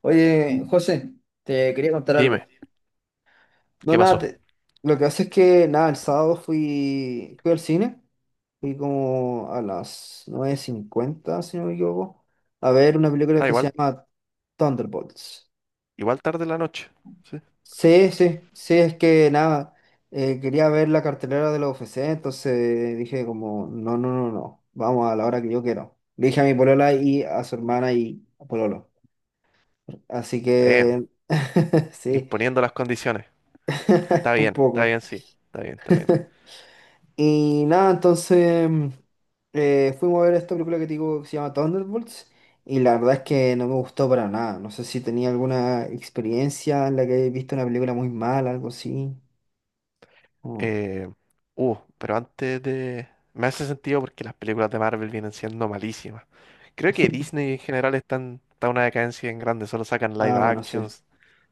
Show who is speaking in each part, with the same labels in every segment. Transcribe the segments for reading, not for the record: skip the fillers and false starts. Speaker 1: Oye, José, te quería contar algo.
Speaker 2: Dime,
Speaker 1: No,
Speaker 2: ¿qué
Speaker 1: nada,
Speaker 2: pasó?
Speaker 1: lo que hace es que, nada, el sábado fui al cine, fui como a las 9:50, si no me equivoco, a ver una película
Speaker 2: Ah,
Speaker 1: que se
Speaker 2: igual,
Speaker 1: llama Thunderbolts.
Speaker 2: igual tarde en la noche. Sí.
Speaker 1: Sí, sí, sí, es que, nada, quería ver la cartelera de la U F C, entonces dije como, no, no, no, no, vamos a la hora que yo quiero. Le dije a mi polola y a su hermana y a Pololo. Así
Speaker 2: Damn,
Speaker 1: que, sí,
Speaker 2: imponiendo las condiciones.
Speaker 1: un
Speaker 2: Está
Speaker 1: poco.
Speaker 2: bien, sí. Está bien, está bien.
Speaker 1: Y nada, entonces fuimos a ver esta película que te digo que se llama Thunderbolts, y la verdad es que no me gustó para nada. No sé si tenía alguna experiencia en la que he visto una película muy mala, algo así. Oh.
Speaker 2: Eh, pero antes de... Me hace sentido porque las películas de Marvel vienen siendo malísimas. Creo que Disney en general está en una decadencia en grande. Solo sacan live
Speaker 1: Ah, bueno, sí.
Speaker 2: actions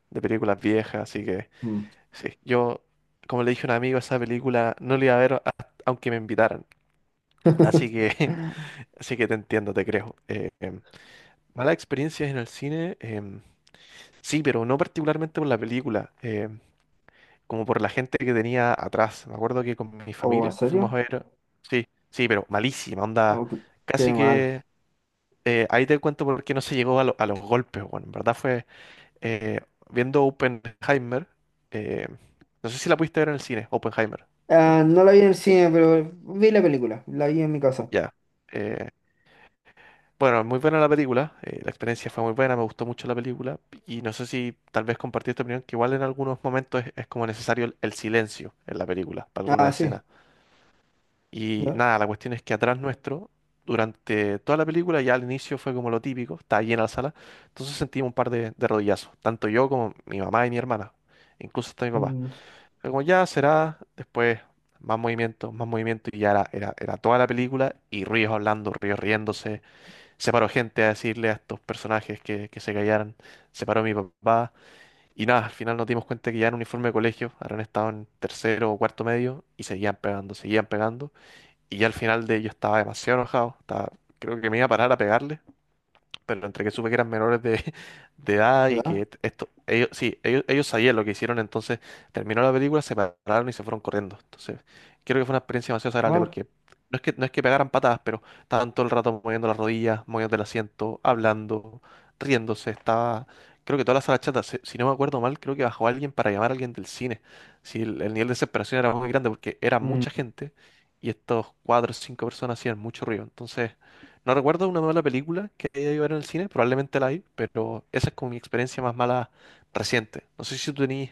Speaker 2: de películas viejas. Así que,
Speaker 1: Mm.
Speaker 2: sí. Yo, como le dije a un amigo, esa película no la iba a ver a- aunque me invitaran. Así que, así que te entiendo, te creo. Malas experiencias en el cine, sí, pero no particularmente por la película, como por la gente que tenía atrás. Me acuerdo que con mi
Speaker 1: ¿O en
Speaker 2: familia fuimos a
Speaker 1: serio?
Speaker 2: ver, sí, sí, pero malísima, onda,
Speaker 1: Oh, qué
Speaker 2: casi
Speaker 1: mal.
Speaker 2: que ahí te cuento por qué no se llegó a los golpes, bueno, en verdad fue eh, viendo Oppenheimer, eh, no sé si la pudiste ver en el cine, Oppenheimer, sí,
Speaker 1: Ah, no la vi en el cine, pero vi la película, la vi en mi casa.
Speaker 2: ya. eh, Bueno, muy buena la película, la experiencia fue muy buena, me gustó mucho la película y no sé si tal vez compartí esta opinión, que igual en algunos momentos es como necesario el silencio en la película, para
Speaker 1: Ah,
Speaker 2: algunas
Speaker 1: sí,
Speaker 2: escenas. Y
Speaker 1: ya.
Speaker 2: nada, la cuestión es que atrás nuestro, durante toda la película, ya al inicio fue como lo típico, estaba llena la sala, entonces sentimos de rodillazos, tanto yo como mi mamá y mi hermana, incluso hasta mi papá.
Speaker 1: Mm.
Speaker 2: Pero como ya será, después más movimiento y ya era toda la película y ríos hablando, ríos riéndose, se paró gente a decirle a estos personajes que se callaran, se paró mi papá y nada, al final nos dimos cuenta que ya en uniforme de colegio habrán estado en tercero o cuarto medio y seguían pegando y ya al final de ello estaba demasiado enojado, estaba- creo que me iba a parar a pegarle pero entre que supe que eran menores de edad y que
Speaker 1: ¿Verdad?
Speaker 2: esto, ellos, sí, ellos sabían lo que hicieron, entonces terminó la película, se pararon y se fueron corriendo. Entonces, creo que fue una experiencia demasiado agradable
Speaker 1: Bueno.
Speaker 2: porque no es que pegaran patadas, pero estaban todo el rato moviendo las rodillas, moviendo el asiento, hablando, riéndose, estaba... Creo que toda la sala chata, si no me acuerdo mal, creo que bajó alguien para llamar a alguien del cine. Si el nivel de desesperación era muy grande porque era mucha gente y estos cuatro o cinco personas hacían mucho ruido. Entonces, no recuerdo una mala película que haya ido a ver en el cine, probablemente la hay, pero esa es como mi experiencia más mala reciente. No sé si tú tenías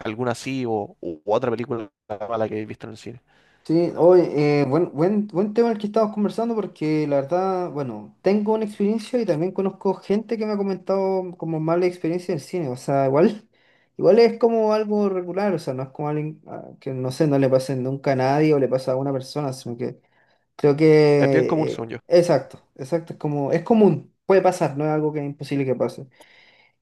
Speaker 2: alguna así o u otra película mala que hayas visto en el cine.
Speaker 1: Sí, hoy buen tema el que estamos conversando, porque la verdad, bueno, tengo una experiencia y también conozco gente que me ha comentado como mala experiencia en cine. O sea, igual, igual es como algo regular, o sea, no es como alguien, ah, que no sé, no le pase nunca a nadie o le pasa a una persona, sino que creo
Speaker 2: Es bien común,
Speaker 1: que,
Speaker 2: según yo.
Speaker 1: exacto, exacto, es como, es común, puede pasar, no es algo que es imposible que pase.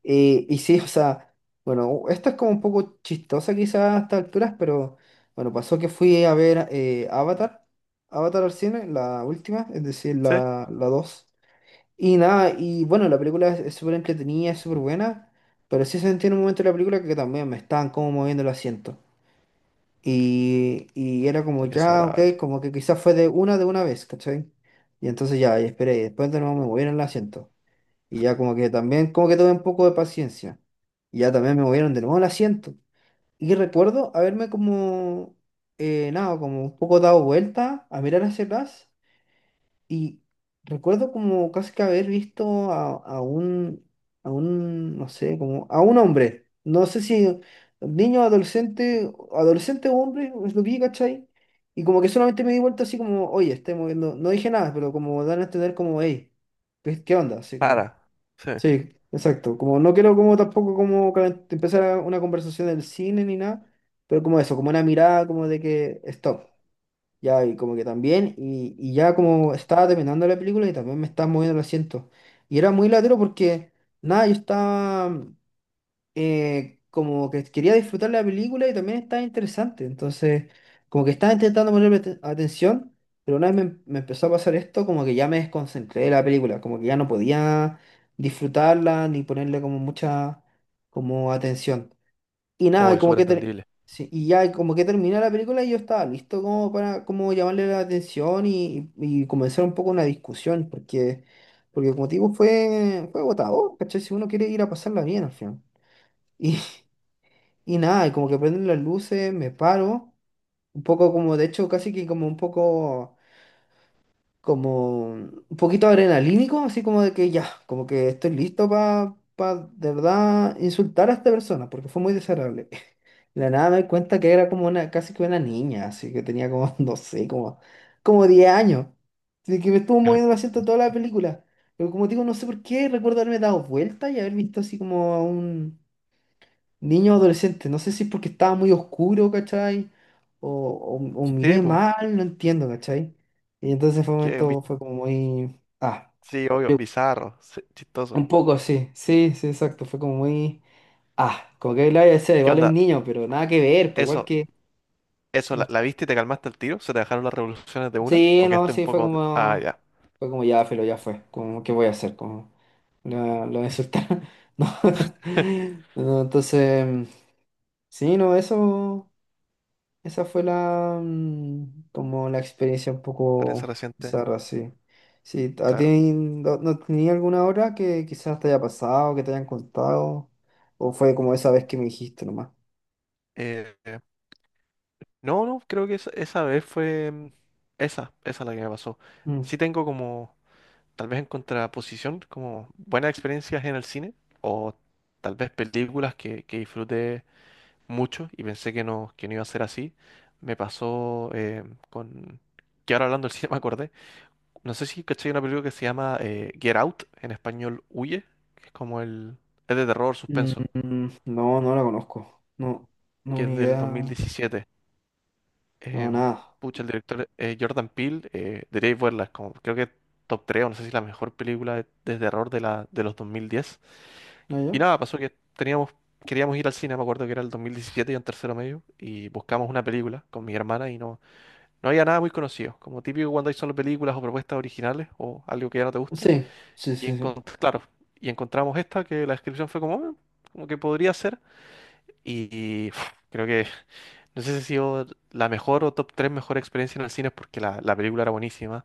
Speaker 1: Y sí, o sea, bueno, esto es como un poco chistosa quizás a estas alturas, pero bueno, pasó que fui a ver Avatar, Avatar al cine, la última, es decir,
Speaker 2: Sí.
Speaker 1: la dos. Y nada, y bueno, la película es súper entretenida, es súper buena, pero sí sentí en un momento de la película que también me estaban como moviendo el asiento. Y era como
Speaker 2: Porque es
Speaker 1: ya, ok,
Speaker 2: agradable.
Speaker 1: como que quizás fue de una vez, ¿cachai? Y entonces ya, y esperé, y después de nuevo me movieron el asiento. Y ya como que también, como que tuve un poco de paciencia. Y ya también me movieron de nuevo el asiento. Y recuerdo haberme como, nada, como un poco dado vuelta a mirar hacia atrás. Y recuerdo como casi que haber visto a, a un, no sé, como a un hombre. No sé si niño, adolescente, adolescente o hombre, es lo vi, ¿cachai? Y como que solamente me di vuelta así como, oye, estoy moviendo. No dije nada, pero como dan a entender como, hey, ¿qué onda. Así como...
Speaker 2: Para. Sí.
Speaker 1: Sí, exacto. Como no quiero como tampoco como una conversación del cine ni nada, pero como eso, como una mirada como de que stop. Ya, y como que también, y ya como estaba terminando la película y también me estaba moviendo el asiento. Y era muy latero porque, nada, yo estaba, como que quería disfrutar la película y también estaba interesante. Entonces, como que estaba intentando ponerme atención, pero una vez me empezó a pasar esto, como que ya me desconcentré de la película, como que ya no podía disfrutarla ni ponerle como mucha como atención. Y nada, y
Speaker 2: Obvio,
Speaker 1: como
Speaker 2: súper
Speaker 1: que
Speaker 2: entendible.
Speaker 1: sí, y ya como que terminé la película y yo estaba listo como para como llamarle la atención y comenzar un poco una discusión. Porque, porque como te digo, fue, fue agotador, ¿cachai? Si uno quiere ir a pasarla bien al final. Y, y nada, y como que prenden las luces, me paro. Un poco como, de hecho, casi que como un poco, como un poquito adrenalínico, así como de que ya, como que estoy listo para, de verdad, insultar a esta persona, porque fue muy desagradable. De la nada me di cuenta que era como una, casi que una niña, así que tenía como, no sé, como, como 10 años. Así que me estuvo
Speaker 2: Mm.
Speaker 1: moviendo el asiento toda la película. Pero como digo, no sé por qué recuerdo haberme dado vuelta y haber visto así como a un niño adolescente, no sé si es porque estaba muy oscuro, ¿cachai? O
Speaker 2: Sí,
Speaker 1: miré
Speaker 2: pues.
Speaker 1: mal, no entiendo, ¿cachai? Y entonces fue un
Speaker 2: Que, vi-
Speaker 1: momento, fue como muy... Ah,
Speaker 2: sí, obvio, bizarro, sí, chistoso.
Speaker 1: un poco, sí, sí, sí, exacto, fue como muy... Ah, como que lo voy a decir,
Speaker 2: ¿Y qué
Speaker 1: igual es un
Speaker 2: onda?
Speaker 1: niño, pero nada que ver, pues igual
Speaker 2: ¿Eso,
Speaker 1: que...
Speaker 2: eso
Speaker 1: Los...
Speaker 2: la viste y te calmaste el tiro? ¿Se te dejaron las revoluciones de una?
Speaker 1: Sí,
Speaker 2: ¿O
Speaker 1: no,
Speaker 2: quedaste un
Speaker 1: sí, fue
Speaker 2: poco... de- Ah,
Speaker 1: como...
Speaker 2: ya.
Speaker 1: Fue como ya, Felo, ya fue, como, ¿qué voy a hacer? Como, lo voy a insultar. No. No, entonces, sí, no, eso... Esa fue como la experiencia un
Speaker 2: Experiencia
Speaker 1: poco
Speaker 2: reciente,
Speaker 1: bizarra, sí. Sí, ¿a ti
Speaker 2: claro.
Speaker 1: no, no tenía alguna hora que quizás te haya pasado, que te hayan contado? ¿O fue como esa vez que me dijiste nomás?
Speaker 2: Eh, No, no, creo que esa, esa, esa la que me pasó.
Speaker 1: Mm,
Speaker 2: Sí tengo como, tal vez en contraposición, como buenas experiencias en el cine, o tal vez películas que disfruté mucho y pensé que no iba a ser así. Me pasó con, que ahora hablando del cine me acordé, no sé si caché una película que se llama Get Out, en español Huye, que es como el, es de terror,
Speaker 1: mm,
Speaker 2: suspenso,
Speaker 1: no, no la conozco. No,
Speaker 2: que
Speaker 1: no,
Speaker 2: es
Speaker 1: ni
Speaker 2: del dos mil
Speaker 1: idea.
Speaker 2: diecisiete.
Speaker 1: No,
Speaker 2: em,
Speaker 1: nada.
Speaker 2: Pucha, el director Jordan Peele, debería verla, es como creo que top 3, o no sé si la mejor película de terror de los 2010.
Speaker 1: ¿No
Speaker 2: Y
Speaker 1: yo?
Speaker 2: nada, pasó que teníamos, queríamos ir al cine, me acuerdo que era el 2017 y en tercero medio, y buscamos una película con mi hermana y no, no había nada muy conocido, como típico cuando hay solo películas o propuestas originales o algo que ya no te gusta.
Speaker 1: Sí, sí, sí, sí.
Speaker 2: Claro, y encontramos esta que la descripción fue como, "Ah, como que podría ser." Y pf, creo que, no sé si ha sido la mejor o top 3 mejor experiencia en el cine porque la película era buenísima.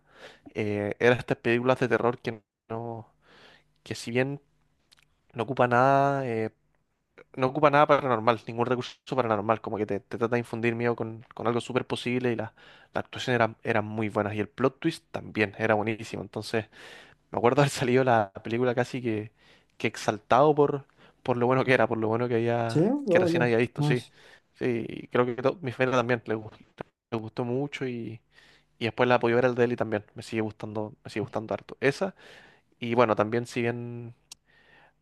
Speaker 2: Eran estas películas de terror que no, que si bien no ocupa nada, eh, no ocupa nada paranormal, ningún recurso paranormal, como que te trata de infundir miedo con algo súper posible y la actuación era muy buena y el plot twist también era buenísimo. Entonces, me acuerdo haber salido la película que exaltado por lo bueno que era, por lo bueno que
Speaker 1: Sí,
Speaker 2: había, que
Speaker 1: yo,
Speaker 2: recién
Speaker 1: yo.
Speaker 2: había visto,
Speaker 1: No,
Speaker 2: sí.
Speaker 1: sí.
Speaker 2: Sí, y creo que mi familia también le gustó mucho y después la apoyó ver al Deli también. Me sigue gustando harto. Esa. Y bueno, también si bien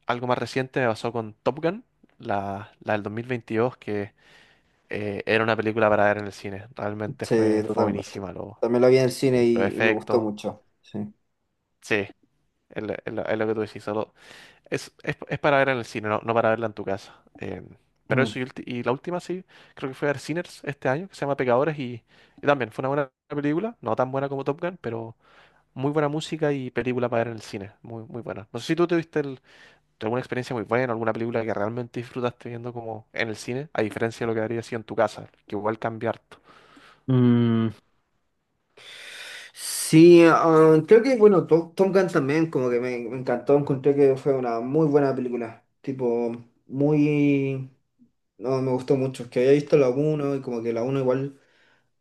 Speaker 2: algo más reciente me pasó con Top Gun, la del 2022, que era una película para ver en el cine. Realmente
Speaker 1: Sí,
Speaker 2: fue, fue
Speaker 1: totalmente.
Speaker 2: buenísima. Lo,
Speaker 1: También la vi en el cine
Speaker 2: sí, los
Speaker 1: y me gustó
Speaker 2: efectos.
Speaker 1: mucho. Sí.
Speaker 2: Sí, es lo que tú decís. Es para verla en el cine, no, no para verla en tu casa. Pero
Speaker 1: Mm.
Speaker 2: eso, y la última sí, creo que fue a ver Sinners este año, que se llama Pecadores, y también fue una buena película, no tan buena como Top Gun, pero muy buena música y película para ver en el cine, muy, muy buena. No sé si tú tuviste alguna experiencia muy buena, alguna película que realmente disfrutaste viendo como en el cine, a diferencia de lo que habría sido en tu casa, que igual cambia harto.
Speaker 1: Mm, sí, creo que, bueno, Tom Gunn también, como que me encantó, encontré que fue una muy buena película, tipo, muy... No, me gustó mucho, que había visto la uno y como que la uno igual...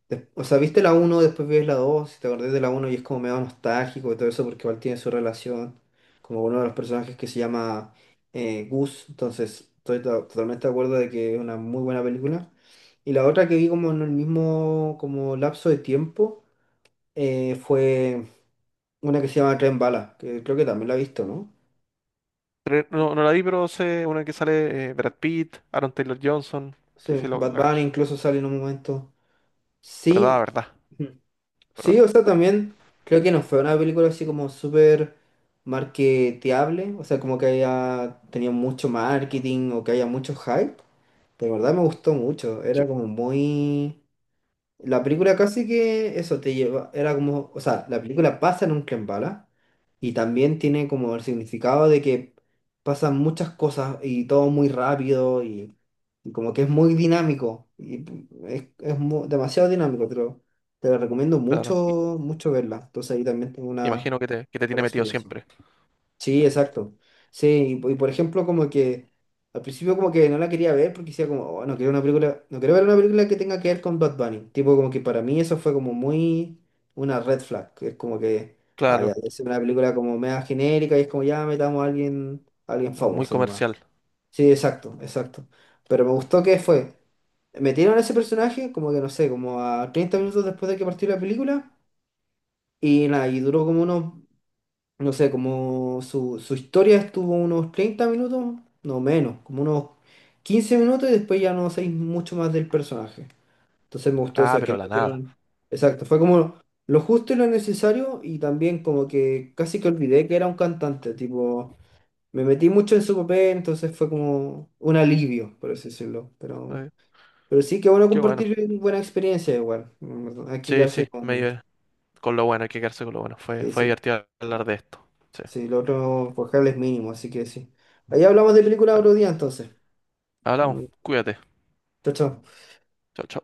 Speaker 1: O sea, viste la uno, después ves la 2, y te acordás de la uno y es como medio nostálgico y todo eso porque igual tiene su relación, como uno de los personajes que se llama Gus. Entonces estoy totalmente de acuerdo de que es una muy buena película. Y la otra que vi como en el mismo como lapso de tiempo fue una que se llama Tren Bala, que creo que también la he visto, ¿no?
Speaker 2: Pero no, no la vi, pero sé una que sale Brad Pitt, Aaron Taylor Johnson, sí, sí,
Speaker 1: Sí, Bad
Speaker 2: la
Speaker 1: Bunny
Speaker 2: cacho.
Speaker 1: incluso sale en un momento.
Speaker 2: ¿Verdad,
Speaker 1: Sí,
Speaker 2: verdad,
Speaker 1: ujú. Sí,
Speaker 2: verdad?
Speaker 1: o sea, también creo que no fue una película así como súper marketeable, o sea, como que haya tenido mucho marketing o que haya mucho hype. De verdad me gustó mucho,
Speaker 2: Sí,
Speaker 1: era como muy... La película casi que eso te lleva, era como, o sea, la película pasa en un tren bala y también tiene como el significado de que pasan muchas cosas y todo muy rápido y como que es muy dinámico y es demasiado dinámico, pero te la recomiendo
Speaker 2: claro.
Speaker 1: mucho, mucho verla. Entonces ahí también tengo una
Speaker 2: Imagino que te
Speaker 1: buena
Speaker 2: tiene metido
Speaker 1: experiencia.
Speaker 2: siempre.
Speaker 1: Sí, exacto. Sí, y por ejemplo, como que al principio como que no la quería ver porque decía como, "Oh, no quiero una película, no quiero ver una película que tenga que ver con Bad Bunny". Tipo, como que para mí eso fue como muy una red flag. Que es como que, ah, ya,
Speaker 2: Claro,
Speaker 1: es una película como media genérica y es como, ya, metamos a alguien
Speaker 2: o muy
Speaker 1: famoso nomás.
Speaker 2: comercial.
Speaker 1: Sí, exacto, exacto. Pero me gustó que fue, metieron a ese personaje como que, no sé, como a 30 minutos después de que partió la película, y nada, y, duró como unos no sé, como su historia estuvo unos 30 minutos, no menos, como unos 15 minutos, y después ya no sé mucho más del personaje. Entonces me gustó
Speaker 2: Ah,
Speaker 1: eso, que
Speaker 2: pero
Speaker 1: lo
Speaker 2: la nada.
Speaker 1: metieron. Exacto, fue como lo justo y lo necesario y también como que casi que olvidé que era un cantante, tipo, me metí mucho en su papel, entonces fue como un alivio, por así decirlo. Pero,
Speaker 2: Eh,
Speaker 1: sí, que bueno
Speaker 2: qué bueno.
Speaker 1: compartir buena experiencia igual. Hay que
Speaker 2: Sí,
Speaker 1: quedarse
Speaker 2: sí,
Speaker 1: con...
Speaker 2: con lo bueno, hay que quedarse con lo bueno. Fue,
Speaker 1: Sí,
Speaker 2: fue
Speaker 1: sí.
Speaker 2: divertido hablar de esto. Sí.
Speaker 1: Sí, lo otro por cable es mínimo, así que sí. Ahí hablamos de película
Speaker 2: Ah,
Speaker 1: otro día, entonces.
Speaker 2: hablamos,
Speaker 1: Mm.
Speaker 2: cuídate.
Speaker 1: Chao, chao.
Speaker 2: Chao, chao.